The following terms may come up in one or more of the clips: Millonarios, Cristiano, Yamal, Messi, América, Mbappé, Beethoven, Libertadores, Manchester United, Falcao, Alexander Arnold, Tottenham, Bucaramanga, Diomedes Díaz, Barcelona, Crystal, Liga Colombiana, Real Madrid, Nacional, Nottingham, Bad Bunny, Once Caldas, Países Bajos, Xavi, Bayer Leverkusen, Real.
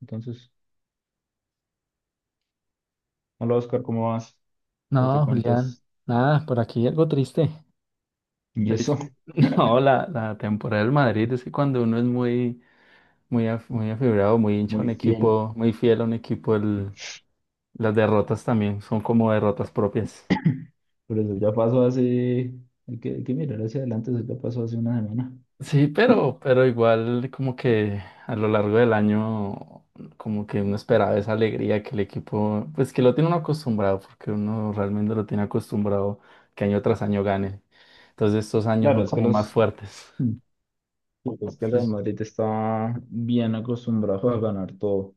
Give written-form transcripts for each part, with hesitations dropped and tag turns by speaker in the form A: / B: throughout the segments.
A: Entonces, hola Oscar, ¿cómo vas? ¿Qué te
B: No, Julián,
A: cuentas?
B: nada, por aquí algo triste.
A: Y eso,
B: Triste. No, la temporada del Madrid es que cuando uno es muy afibrado, muy hincha a un
A: muy fiel.
B: equipo, muy fiel a un equipo, las derrotas también son como derrotas propias.
A: Pero eso ya pasó hace, hay que mirar hacia adelante, eso ya pasó hace una semana.
B: Sí, pero igual como que a lo largo del año como que uno esperaba esa alegría que el equipo, pues que lo tiene uno acostumbrado, porque uno realmente lo tiene acostumbrado que año tras año gane. Entonces estos años son
A: Claro, es que
B: como más
A: los,
B: fuertes.
A: Mm. Pues es que el Real Madrid está bien acostumbrado a ganar todo.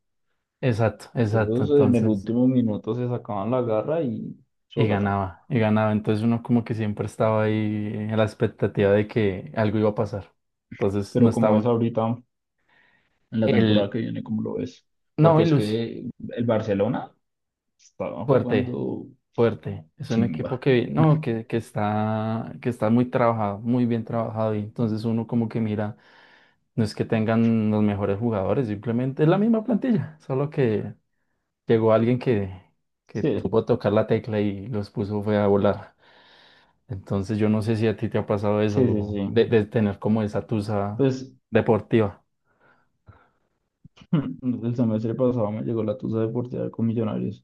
B: Exacto, exacto.
A: Ellos en el
B: Entonces,
A: último minuto se sacaban la garra y
B: y
A: gata.
B: ganaba, y ganaba. Entonces uno como que siempre estaba ahí en la expectativa de que algo iba a pasar. Entonces no
A: Pero como es
B: estaba
A: ahorita, en la temporada
B: el
A: que viene, ¿cómo lo ves?
B: no,
A: Porque
B: y
A: es
B: Lucy,
A: que el Barcelona estaba
B: fuerte,
A: jugando
B: fuerte. Es un equipo
A: chimba.
B: que no, que está, que está muy trabajado, muy bien trabajado. Y entonces uno como que mira, no es que tengan los mejores jugadores, simplemente es la misma plantilla, solo que llegó alguien que
A: Sí,
B: supo tocar la tecla y los puso fue a volar. Entonces yo no sé si a ti te ha pasado
A: sí, sí,
B: eso, de,
A: sí.
B: de tener como esa tusa
A: Pues
B: deportiva.
A: el semestre pasado me llegó la tusa deportiva con Millonarios.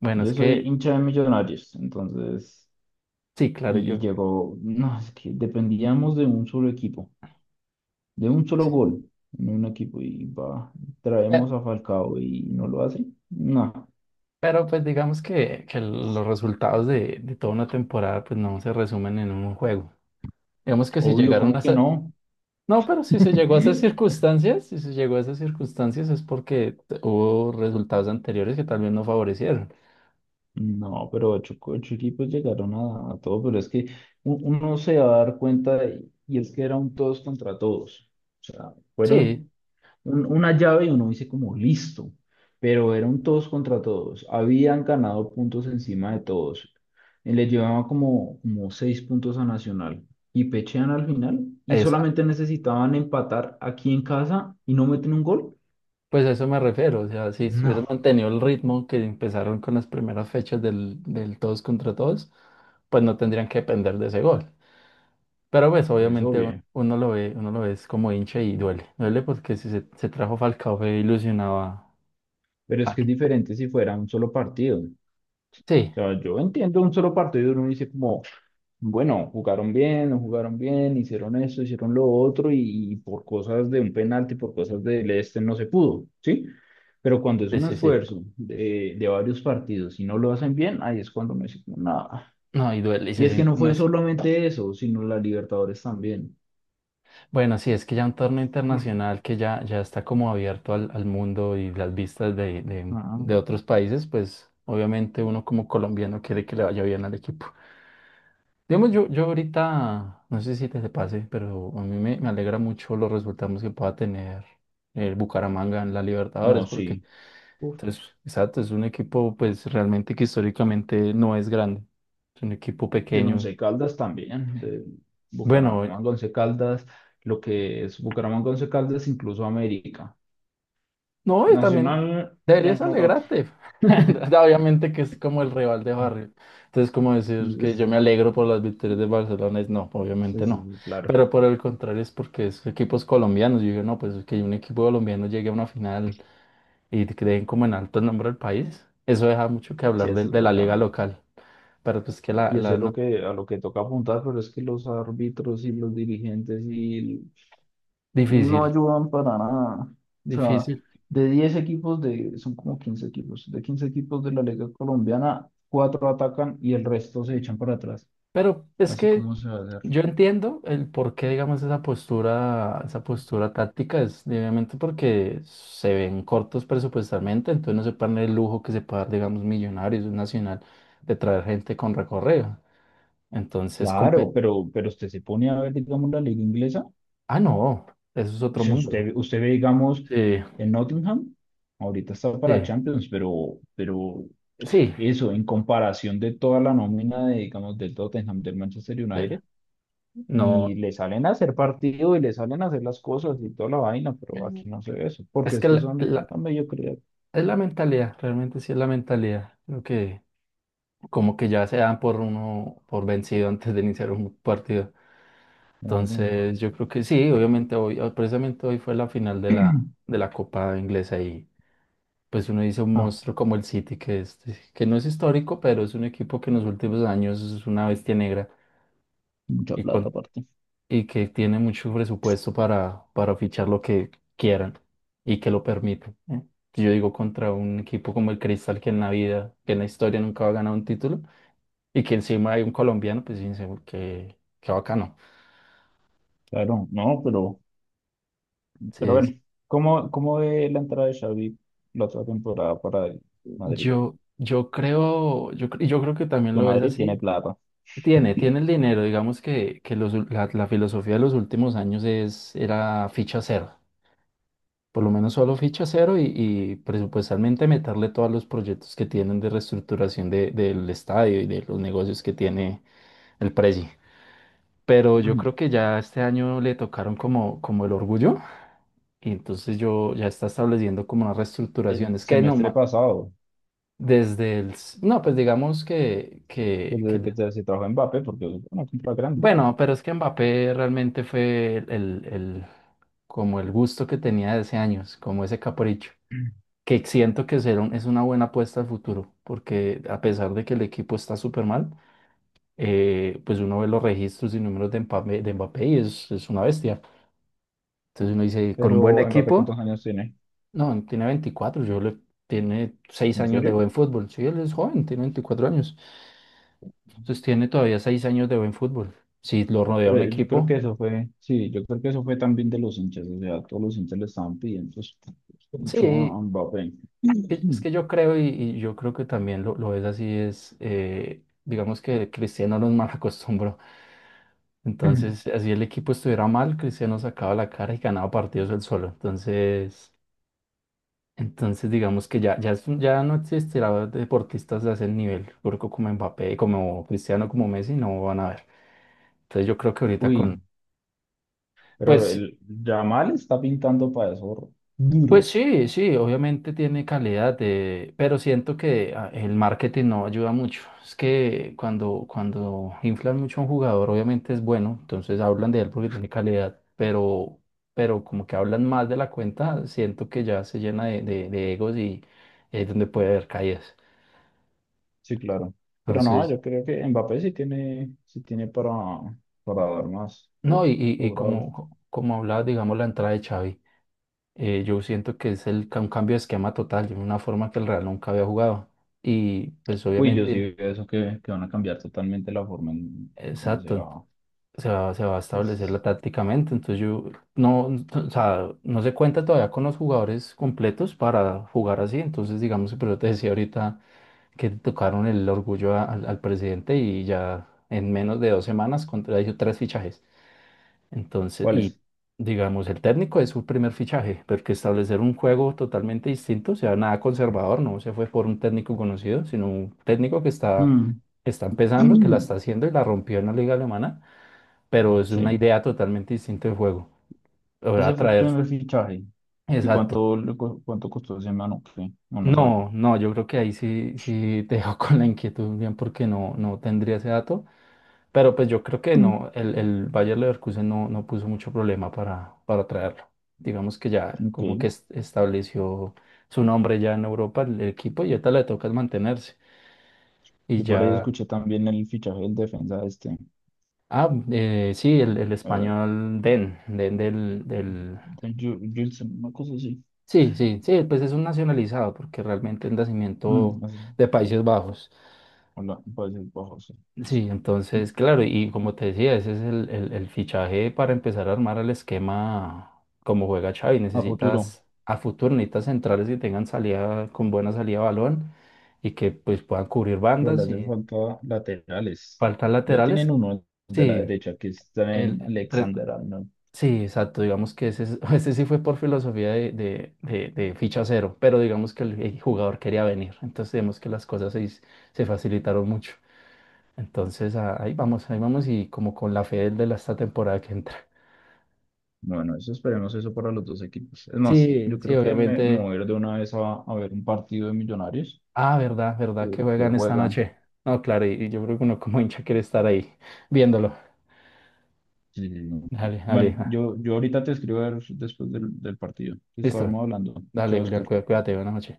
B: Bueno,
A: Yo
B: es
A: soy
B: que
A: hincha de Millonarios, entonces,
B: sí, claro,
A: y,
B: yo...
A: y llegó, no, es que dependíamos de un solo equipo, de un solo
B: sí.
A: gol en un equipo, y va,
B: Pe-
A: traemos a Falcao y no lo hace. No,
B: Pero, pues digamos que los resultados de toda una temporada pues no se resumen en un juego. Digamos que si
A: obvio,
B: llegaron
A: ¿cómo
B: a
A: que
B: esa...
A: no?
B: No, pero si se llegó a esas circunstancias, si se llegó a esas circunstancias es porque hubo resultados anteriores que tal vez no favorecieron.
A: No, pero ocho equipos llegaron a todo, pero es que uno se va a dar cuenta, y es que era un todos contra todos. O sea, fueron
B: Sí,
A: una llave y uno dice como listo, pero eran todos contra todos, habían ganado puntos encima de todos, y le llevaban como, como seis puntos a Nacional y pechean al final y
B: es,
A: solamente necesitaban empatar aquí en casa y no meten un gol.
B: pues a eso me refiero, o sea, si hubieran
A: No,
B: mantenido el ritmo que empezaron con las primeras fechas del todos contra todos, pues no tendrían que depender de ese gol. Pero pues
A: pues
B: obviamente
A: obvio,
B: uno lo ve es como hincha y duele, duele porque si se, se trajo Falcao fue ilusionado a...
A: pero es
B: a
A: que es
B: que-
A: diferente si fuera un solo partido. O
B: Sí,
A: sea, yo entiendo un solo partido, uno dice como, bueno, jugaron bien, no jugaron bien, hicieron esto, hicieron lo otro y por cosas de un penalti, por cosas del este no se pudo, ¿sí? Pero cuando es
B: sí,
A: un
B: sí, sí.
A: esfuerzo de varios partidos y no lo hacen bien, ahí es cuando me dicen, nada.
B: No, y duele, y
A: Y
B: se
A: es que
B: siente-
A: no
B: no
A: fue
B: es...
A: solamente eso, sino la Libertadores también.
B: Bueno, sí, es que ya un torneo
A: Mm,
B: internacional que ya, ya está como abierto al, al mundo y las vistas de, de
A: ah,
B: de otros países, pues obviamente uno como colombiano quiere que le vaya bien al equipo. Digamos, yo ahorita, no sé si te, te pase, pero a mí me, me alegra mucho los resultados que pueda tener el Bucaramanga en la
A: no,
B: Libertadores, porque,
A: sí. Uf,
B: entonces, exacto, es un equipo pues realmente que históricamente no es grande, es un equipo
A: del
B: pequeño.
A: Once Caldas también, de
B: Bueno,
A: Bucaramanga, Once Caldas, lo que es Bucaramanga, Once Caldas, incluso América.
B: no, y también
A: Nacional, ya
B: deberías
A: no tanto.
B: alegrarte. Obviamente que es como el rival de barrio. Entonces, como decir que yo me alegro por las victorias de Barcelona, es no,
A: Sí,
B: obviamente no.
A: sí, claro,
B: Pero por el contrario, es porque es equipos colombianos. Yo digo, no, pues que un equipo colombiano llegue a una final y creen como en alto el nombre del país. Eso deja mucho que
A: sí,
B: hablar
A: eso es
B: de la liga
A: bacano.
B: local. Pero pues que la,
A: Y eso
B: la
A: es lo
B: no,
A: que, a lo que toca apuntar, pero es que los árbitros y los dirigentes y no
B: difícil,
A: ayudan para nada. O sea,
B: difícil.
A: de 10 equipos, de, son como 15 equipos de la Liga Colombiana, cuatro atacan y el resto se echan para atrás,
B: Pero es
A: así
B: que
A: como se va a hacer.
B: yo entiendo el por qué, digamos, esa postura táctica es obviamente porque se ven cortos presupuestalmente, entonces no se pagan el lujo que se puede dar, digamos, Millonarios, un Nacional, de traer gente con recorrido. Entonces,
A: Claro, pero usted se pone a ver, digamos, la liga inglesa.
B: ah, no, eso es otro
A: Si
B: mundo.
A: usted, usted ve, digamos,
B: Sí,
A: en Nottingham, ahorita está para
B: sí,
A: Champions, pero
B: sí,
A: eso en comparación de toda la nómina de, digamos, del Tottenham, del Manchester United,
B: Lela,
A: y
B: no.
A: le salen a hacer partido y le salen a hacer las cosas y toda la vaina, pero
B: Mm,
A: aquí no se ve eso, porque
B: es
A: es
B: que
A: que son la mediocridad.
B: es la mentalidad, realmente sí es la mentalidad, lo que... como que ya se dan por uno por vencido antes de iniciar un partido.
A: No, no.
B: Entonces, yo creo que sí, obviamente precisamente hoy fue la final de la Copa Inglesa y pues uno dice un
A: Ah,
B: monstruo como el City, que, es, que no es histórico, pero es un equipo que en los últimos años es una bestia negra
A: mucha
B: y,
A: plata
B: con,
A: aparte.
B: y que tiene mucho presupuesto para fichar lo que quieran y que lo permiten. ¿Eh? Yo digo contra un equipo como el Crystal que en la vida, que en la historia nunca va a ganar un título y que encima hay un colombiano, pues fíjense, qué, qué bacano.
A: Claro, no, pero
B: Entonces,
A: bueno, ¿cómo, cómo ve la entrada de Xavi la otra temporada para el Madrid?
B: yo creo que también
A: Que
B: lo ves
A: Madrid
B: así.
A: tiene plata.
B: Tiene,
A: Y
B: tiene el dinero, digamos que los la filosofía de los últimos años es, era ficha cero, por lo menos solo ficha cero y presupuestalmente meterle todos los proyectos que tienen de reestructuración del estadio y de los negocios que tiene el presi. Pero yo creo que ya este año le tocaron como, como el orgullo. Y entonces yo ya está estableciendo como una reestructuración.
A: el
B: Es que no,
A: semestre pasado,
B: no, pues digamos que,
A: pues
B: que, que...
A: desde que se trajo a Mbappé, porque bueno, compra grande.
B: Bueno, pero es que Mbappé realmente fue como el gusto que tenía de ese años, como ese capricho, que siento que será es una buena apuesta al futuro, porque a pesar de que el equipo está súper mal, pues uno ve los registros y números de Mbappé y es una bestia. Entonces uno dice, con un buen
A: Pero Mbappé,
B: equipo,
A: ¿cuántos años tiene?
B: no, tiene 24, yo le, tiene 6
A: ¿En
B: años de
A: serio?
B: buen fútbol. Sí, él es joven, tiene 24 años. Entonces tiene todavía 6 años de buen fútbol. Si lo rodea un
A: Pero yo creo
B: equipo,
A: que eso fue, sí, yo creo que eso fue también de los hinchas, o sea, todos los hinchas le estaban pidiendo pues, mucho a
B: sí,
A: a Mbappé.
B: es que yo creo y yo creo que también lo es así, es, digamos que Cristiano nos mal acostumbró. Entonces, así el equipo estuviera mal, Cristiano sacaba la cara y ganaba partidos él solo. Entonces... entonces, digamos que es ya no existirá deportistas de ese nivel, turco como Mbappé, como Cristiano, como Messi, no van a ver. Entonces, yo creo que ahorita con.
A: Uy, pero
B: Pues,
A: el Yamal está pintando para eso
B: pues
A: duro.
B: sí, sí, obviamente tiene calidad, de, pero siento que el marketing no ayuda mucho. Es que cuando inflan mucho a un jugador, obviamente es bueno, entonces hablan de él porque tiene calidad, pero como que hablan más de la cuenta, siento que ya se llena de egos y es donde puede haber caídas.
A: Sí, claro. Pero no,
B: Entonces.
A: yo creo que Mbappé sí tiene para dar más.
B: No,
A: Uf,
B: y
A: sobrado.
B: como, como hablaba, digamos, la entrada de Xavi, yo siento que es un cambio de esquema total, de una forma que el Real nunca había jugado. Y pues
A: Uy, yo sí
B: obviamente,
A: veo eso que van a cambiar totalmente la forma en cómo se
B: exacto,
A: va.
B: se va a establecerla
A: Pues,
B: tácticamente. Entonces yo no, o sea, no se cuenta todavía con los jugadores completos para jugar así. Entonces, digamos, pero te decía ahorita que tocaron el orgullo al presidente y ya en menos de 2 semanas contrajo 3 fichajes. Entonces,
A: ¿cuál
B: y
A: es?
B: digamos, el técnico es su primer fichaje, porque establecer un juego totalmente distinto, o sea, nada conservador, no se fue por un técnico conocido, sino un técnico
A: Mm.
B: que está empezando, que la está haciendo y la rompió en la liga alemana, pero es una
A: Sí,
B: idea totalmente distinta de juego. Lo va
A: ese
B: a
A: fue el
B: traer,
A: primer fichaje. ¿Y
B: exacto.
A: cuánto, cuánto costó ese mano? ¿Qué? No, no sabe.
B: No, no, yo creo que ahí sí, sí te dejo con la inquietud bien porque no, no tendría ese dato. Pero pues yo creo que
A: Mm.
B: no, el Bayer Leverkusen no, no puso mucho problema para traerlo. Digamos que ya
A: Ok,
B: como que estableció su nombre ya en Europa el equipo y ahorita le toca es mantenerse. Y
A: yo por ahí
B: ya,
A: escuché también el fichaje del defensa este,
B: ah, sí, el
A: eh,
B: español Den, Den del...
A: del Wilson, una cosa así.
B: Sí, sí, sí, pues es un nacionalizado porque realmente es
A: Mm,
B: nacimiento
A: así.
B: de Países Bajos.
A: Hola, puede ser bajo, sí, no.
B: Sí, entonces, claro, y como te decía, ese es el fichaje para empezar a armar el esquema como juega Xavi.
A: A futuro,
B: Necesitas a futuro, necesitas centrales que tengan salida, con buena salida de balón y que pues puedan cubrir
A: pero le
B: bandas
A: hace
B: y
A: falta laterales.
B: faltan
A: Ya tienen
B: laterales.
A: uno de la
B: Sí,
A: derecha que está en
B: el, re-
A: Alexander Arnold.
B: sí, exacto, digamos que ese, ese sí fue por filosofía de ficha cero, pero digamos que el jugador quería venir, entonces vemos que las cosas se facilitaron mucho. Entonces ahí vamos y como con la fe del de la, esta temporada que entra.
A: Bueno, eso esperemos eso para los dos equipos. Es más,
B: Sí,
A: yo
B: sí,
A: creo que me
B: obviamente.
A: voy a ir de una vez a ver un partido de Millonarios
B: Ah, verdad, verdad que
A: que, que
B: juegan esta
A: juegan.
B: noche. No, claro, y yo creo que uno como hincha quiere estar ahí viéndolo.
A: Sí, sí, sí.
B: Dale,
A: Bueno,
B: dale. Ah,
A: yo ahorita te escribo a ver después del, del partido que
B: listo.
A: estábamos hablando.
B: Dale,
A: Chao,
B: Julián,
A: Oscar.
B: cuídate, buenas noches.